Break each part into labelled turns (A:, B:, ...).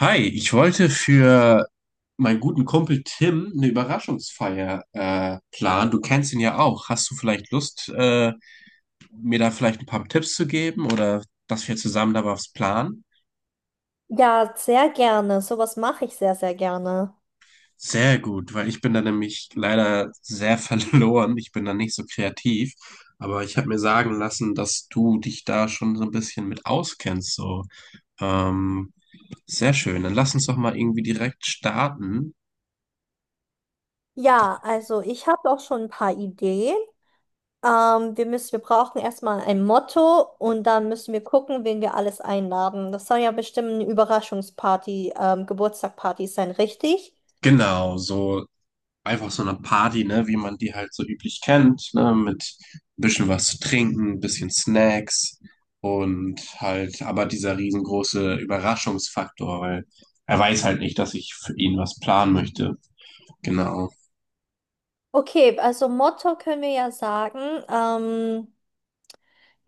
A: Hi, ich wollte für meinen guten Kumpel Tim eine Überraschungsfeier planen. Du kennst ihn ja auch. Hast du vielleicht Lust, mir da vielleicht ein paar Tipps zu geben oder dass wir zusammen da was planen?
B: Ja, sehr gerne. Sowas mache ich sehr, sehr gerne.
A: Sehr gut, weil ich bin da nämlich leider sehr verloren. Ich bin da nicht so kreativ. Aber ich habe mir sagen lassen, dass du dich da schon so ein bisschen mit auskennst. So. Ähm, sehr schön. Dann lass uns doch mal irgendwie direkt starten.
B: Ja, also ich habe auch schon ein paar Ideen. Wir brauchen erstmal ein Motto und dann müssen wir gucken, wen wir alles einladen. Das soll ja bestimmt eine Überraschungsparty, Geburtstagparty sein, richtig?
A: Genau, so einfach so eine Party, ne, wie man die halt so üblich kennt, ne, mit ein bisschen was zu trinken, ein bisschen Snacks und halt, aber dieser riesengroße Überraschungsfaktor, weil er weiß halt nicht, dass ich für ihn was planen möchte. Genau.
B: Okay, also Motto können wir ja sagen,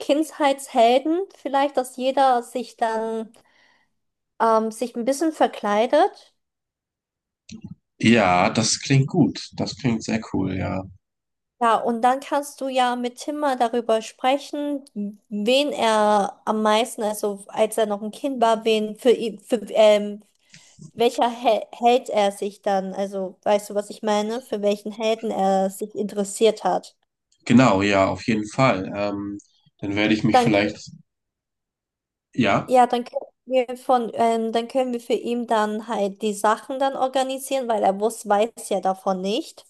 B: Kindheitshelden, vielleicht, dass jeder sich dann sich ein bisschen verkleidet.
A: Ja, das klingt gut. Das klingt sehr cool, ja.
B: Ja, und dann kannst du ja mit Tim mal darüber sprechen, wen er am meisten, also als er noch ein Kind war, wen für ihn, für welcher Hel Held er sich dann, also weißt du, was ich meine, für welchen Helden er sich interessiert hat.
A: Genau, ja, auf jeden Fall. Dann werde ich mich
B: Dann,
A: vielleicht, ja.
B: ja, dann können wir dann können wir für ihn dann halt die Sachen dann organisieren, weil er weiß ja davon nicht.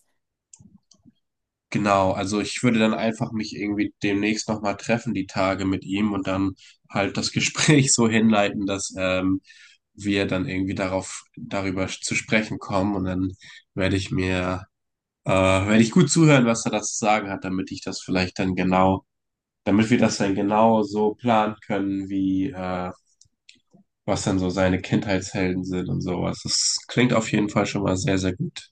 A: Genau, also ich würde dann einfach mich irgendwie demnächst nochmal treffen, die Tage mit ihm und dann halt das Gespräch so hinleiten, dass wir dann irgendwie darauf, darüber zu sprechen kommen und dann werde ich mir, werde ich gut zuhören, was er da zu sagen hat, damit ich das vielleicht dann genau, damit wir das dann genau so planen können, wie, was dann so seine Kindheitshelden sind und sowas. Das klingt auf jeden Fall schon mal sehr, sehr gut.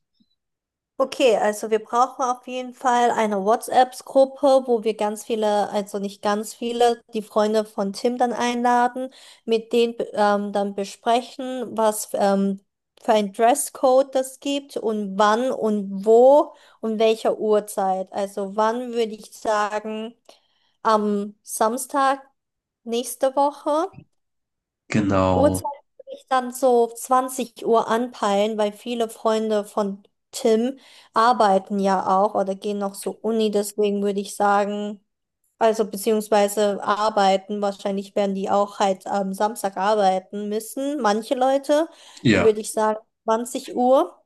B: Okay, also wir brauchen auf jeden Fall eine WhatsApp-Gruppe, wo wir ganz viele, also nicht ganz viele, die Freunde von Tim dann einladen, mit denen dann besprechen, was für ein Dresscode das gibt und wann und wo und welcher Uhrzeit. Also wann würde ich sagen, am Samstag nächste Woche. Uhrzeit
A: Genau.
B: würde ich dann so 20 Uhr anpeilen, weil viele Freunde von Tim arbeiten ja auch oder gehen noch zur Uni, deswegen würde ich sagen, also beziehungsweise arbeiten, wahrscheinlich werden die auch halt am Samstag arbeiten müssen, manche Leute, dann
A: Ja.
B: würde ich sagen 20 Uhr.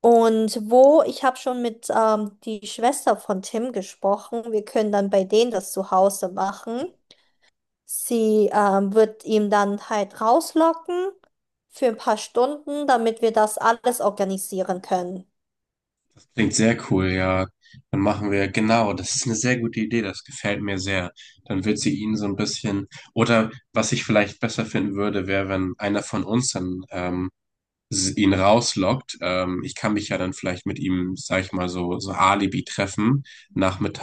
B: Und wo, ich habe schon mit die Schwester von Tim gesprochen, wir können dann bei denen das zu Hause machen. Sie wird ihn dann halt rauslocken für ein paar Stunden, damit wir das alles organisieren können.
A: Klingt sehr cool, ja. Dann machen wir, genau, das ist eine sehr gute Idee, das gefällt mir sehr. Dann wird sie ihn so ein bisschen, oder was ich vielleicht besser finden würde, wäre, wenn einer von uns dann ihn rauslockt. Ich kann mich ja dann vielleicht mit ihm, sag ich mal, so, so Alibi treffen,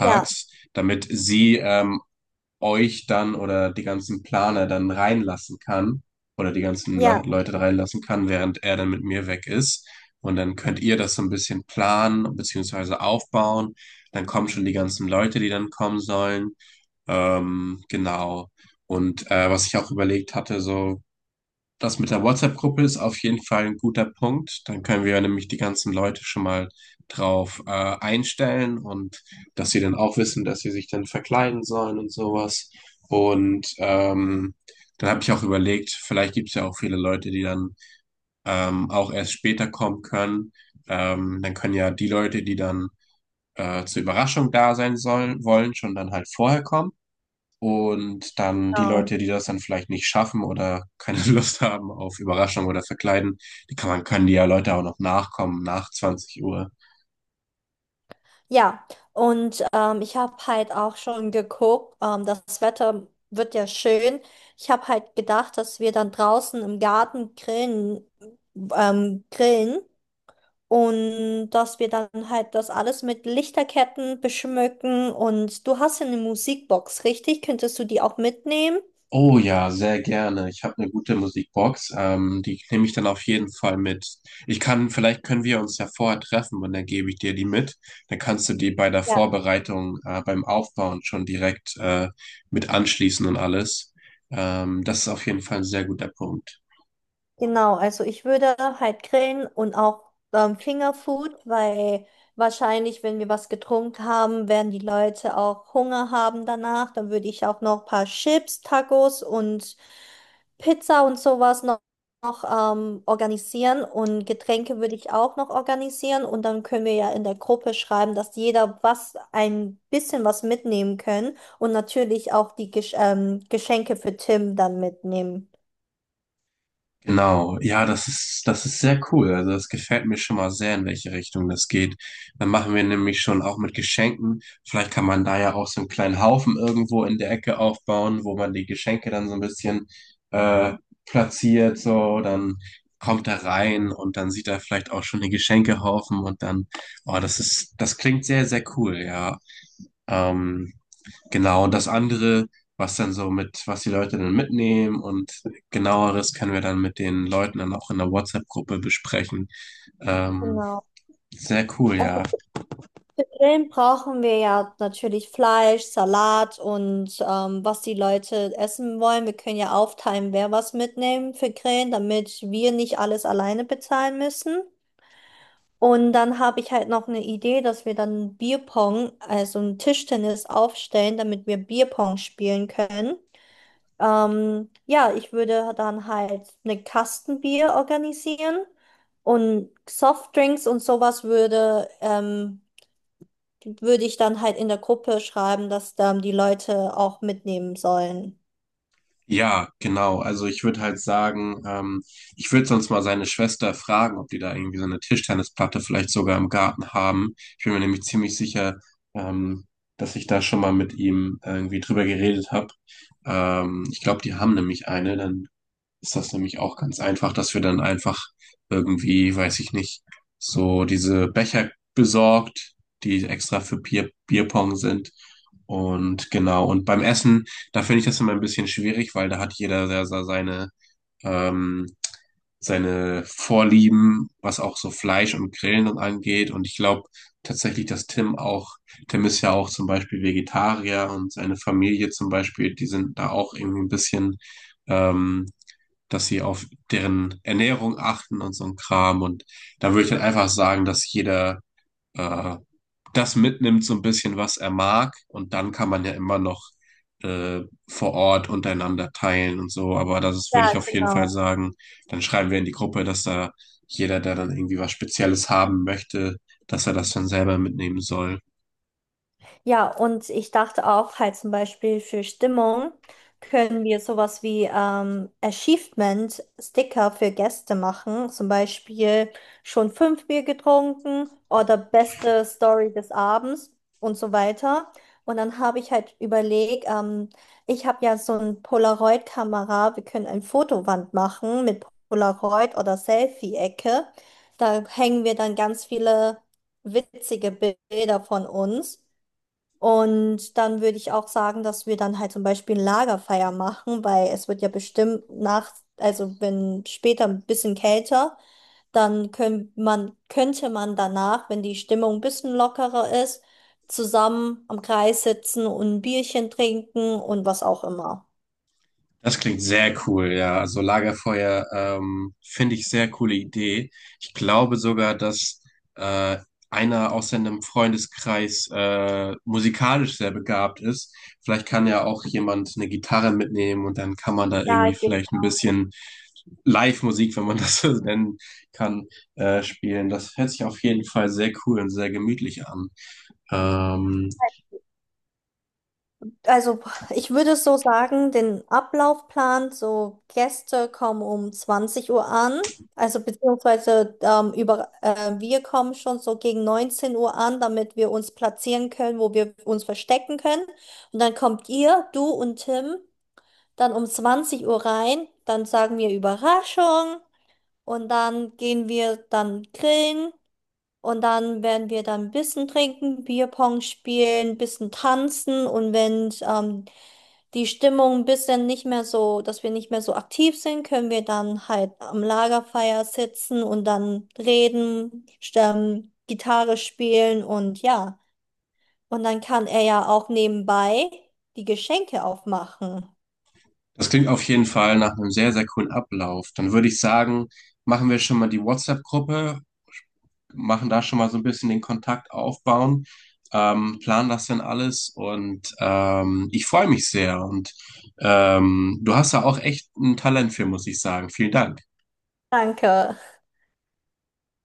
B: Ja,
A: damit sie euch dann oder die ganzen Planer dann reinlassen kann oder die ganzen La
B: ja,
A: Leute reinlassen kann, während er dann mit mir weg ist. Und dann könnt ihr das so ein bisschen planen beziehungsweise aufbauen. Dann kommen schon die ganzen Leute, die dann kommen sollen. Genau. Und was ich auch überlegt hatte, so das mit der WhatsApp-Gruppe ist auf jeden Fall ein guter Punkt. Dann können wir nämlich die ganzen Leute schon mal drauf einstellen und dass sie dann auch wissen, dass sie sich dann verkleiden sollen und sowas. Und dann habe ich auch überlegt, vielleicht gibt es ja auch viele Leute, die dann auch erst später kommen können. Dann können ja die Leute, die dann zur Überraschung da sein sollen, wollen, schon dann halt vorher kommen. Und dann die
B: genau.
A: Leute, die das dann vielleicht nicht schaffen oder keine Lust haben auf Überraschung oder Verkleiden, die kann man, können die ja Leute auch noch nachkommen nach 20 Uhr.
B: Ja, und ich habe halt auch schon geguckt, das Wetter wird ja schön. Ich habe halt gedacht, dass wir dann draußen im Garten grillen und dass wir dann halt das alles mit Lichterketten beschmücken. Und du hast ja eine Musikbox, richtig? Könntest du die auch mitnehmen?
A: Oh ja, sehr gerne. Ich habe eine gute Musikbox. Die nehme ich dann auf jeden Fall mit. Ich kann, vielleicht können wir uns ja vorher treffen und dann gebe ich dir die mit. Dann kannst du die bei der Vorbereitung, beim Aufbauen schon direkt mit anschließen und alles. Das ist auf jeden Fall ein sehr guter Punkt.
B: Genau, also ich würde halt grillen und auch Fingerfood, weil wahrscheinlich, wenn wir was getrunken haben, werden die Leute auch Hunger haben danach. Dann würde ich auch noch ein paar Chips, Tacos und Pizza und noch organisieren. Und Getränke würde ich auch noch organisieren. Und dann können wir ja in der Gruppe schreiben, dass jeder was ein bisschen was mitnehmen können und natürlich auch die Geschenke für Tim dann mitnehmen.
A: Genau, ja, das ist sehr cool. Also das gefällt mir schon mal sehr, in welche Richtung das geht. Dann machen wir nämlich schon auch mit Geschenken. Vielleicht kann man da ja auch so einen kleinen Haufen irgendwo in der Ecke aufbauen, wo man die Geschenke dann so ein bisschen äh, platziert. So, dann kommt er rein und dann sieht er vielleicht auch schon den Geschenkehaufen und dann, oh, das ist, das klingt sehr, sehr cool, ja. Ähm, genau, und das andere, was dann so mit, was die Leute dann mitnehmen und genaueres können wir dann mit den Leuten dann auch in der WhatsApp-Gruppe besprechen. Ähm,
B: Genau.
A: sehr cool, ja.
B: Also Grillen brauchen wir ja natürlich Fleisch, Salat und was die Leute essen wollen. Wir können ja aufteilen, wer was mitnehmen für Grillen, damit wir nicht alles alleine bezahlen müssen. Und dann habe ich halt noch eine Idee, dass wir dann Bierpong, also ein Tischtennis aufstellen, damit wir Bierpong spielen können. Ja, ich würde dann halt eine Kastenbier organisieren und Softdrinks und sowas würde ich dann halt in der Gruppe schreiben, dass dann die Leute auch mitnehmen sollen.
A: Ja, genau. Also ich würde halt sagen, ich würde sonst mal seine Schwester fragen, ob die da irgendwie so eine Tischtennisplatte vielleicht sogar im Garten haben. Ich bin mir nämlich ziemlich sicher, ähm, dass ich da schon mal mit ihm irgendwie drüber geredet habe. Ich glaube, die haben nämlich eine. Dann ist das nämlich auch ganz einfach, dass wir dann einfach irgendwie, weiß ich nicht, so diese Becher besorgt, die extra für Bier, Bierpong sind. Und genau, und beim Essen, da finde ich das immer ein bisschen schwierig, weil da hat jeder sehr, sehr seine, ähm, seine Vorlieben, was auch so Fleisch und Grillen und angeht. Und ich glaube tatsächlich, dass Tim auch, Tim ist ja auch zum Beispiel Vegetarier und seine Familie zum Beispiel, die sind da auch irgendwie ein bisschen ähm, dass sie auf deren Ernährung achten und so ein Kram. Und da würde ich dann einfach sagen, dass jeder äh, das mitnimmt, so ein bisschen, was er mag. Und dann kann man ja immer noch äh, vor Ort untereinander teilen und so. Aber das ist,
B: Ja,
A: würde ich auf jeden
B: genau.
A: Fall sagen. Dann schreiben wir in die Gruppe, dass da jeder, der dann irgendwie was Spezielles haben möchte, dass er das dann selber mitnehmen soll.
B: Ja, und ich dachte auch halt zum Beispiel für Stimmung können wir sowas wie Achievement-Sticker für Gäste machen. Zum Beispiel schon 5 Bier getrunken oder beste Story des Abends und so weiter. Und dann habe ich halt überlegt, ich habe ja so eine Polaroid-Kamera. Wir können eine Fotowand machen mit Polaroid oder Selfie-Ecke. Da hängen wir dann ganz viele witzige Bilder von uns. Und dann würde ich auch sagen, dass wir dann halt zum Beispiel ein Lagerfeuer machen, weil es wird ja bestimmt nach, also wenn später ein bisschen kälter, könnte man danach, wenn die Stimmung ein bisschen lockerer ist, zusammen am Kreis sitzen und ein Bierchen trinken und was auch immer.
A: Das klingt sehr cool, ja. Also Lagerfeuer, finde ich sehr coole Idee. Ich glaube sogar, dass äh, einer aus seinem Freundeskreis musikalisch sehr begabt ist. Vielleicht kann ja auch jemand eine Gitarre mitnehmen und dann kann man da
B: Ja,
A: irgendwie
B: genau.
A: vielleicht ein bisschen Live-Musik, wenn man das so nennen kann, spielen. Das hört sich auf jeden Fall sehr cool und sehr gemütlich an. Ähm,
B: Also ich würde so sagen, den Ablaufplan, so Gäste kommen um 20 Uhr an, also wir kommen schon so gegen 19 Uhr an, damit wir uns platzieren können, wo wir uns verstecken können. Und dann kommt ihr, du und Tim, dann um 20 Uhr rein, dann sagen wir Überraschung und dann gehen wir dann grillen und dann werden wir dann ein bisschen trinken, Bierpong spielen, ein bisschen tanzen. Und wenn die Stimmung ein bisschen nicht mehr so, dass wir nicht mehr so aktiv sind, können wir dann halt am Lagerfeuer sitzen und dann reden, stimmen, Gitarre spielen und ja. Und dann kann er ja auch nebenbei die Geschenke aufmachen.
A: Das klingt auf jeden Fall nach einem sehr, sehr coolen Ablauf. Dann würde ich sagen, machen wir schon mal die WhatsApp-Gruppe, machen da schon mal so ein bisschen den Kontakt aufbauen, planen das dann alles und ich freue mich sehr. Und du hast da auch echt ein Talent für, muss ich sagen. Vielen Dank.
B: Danke.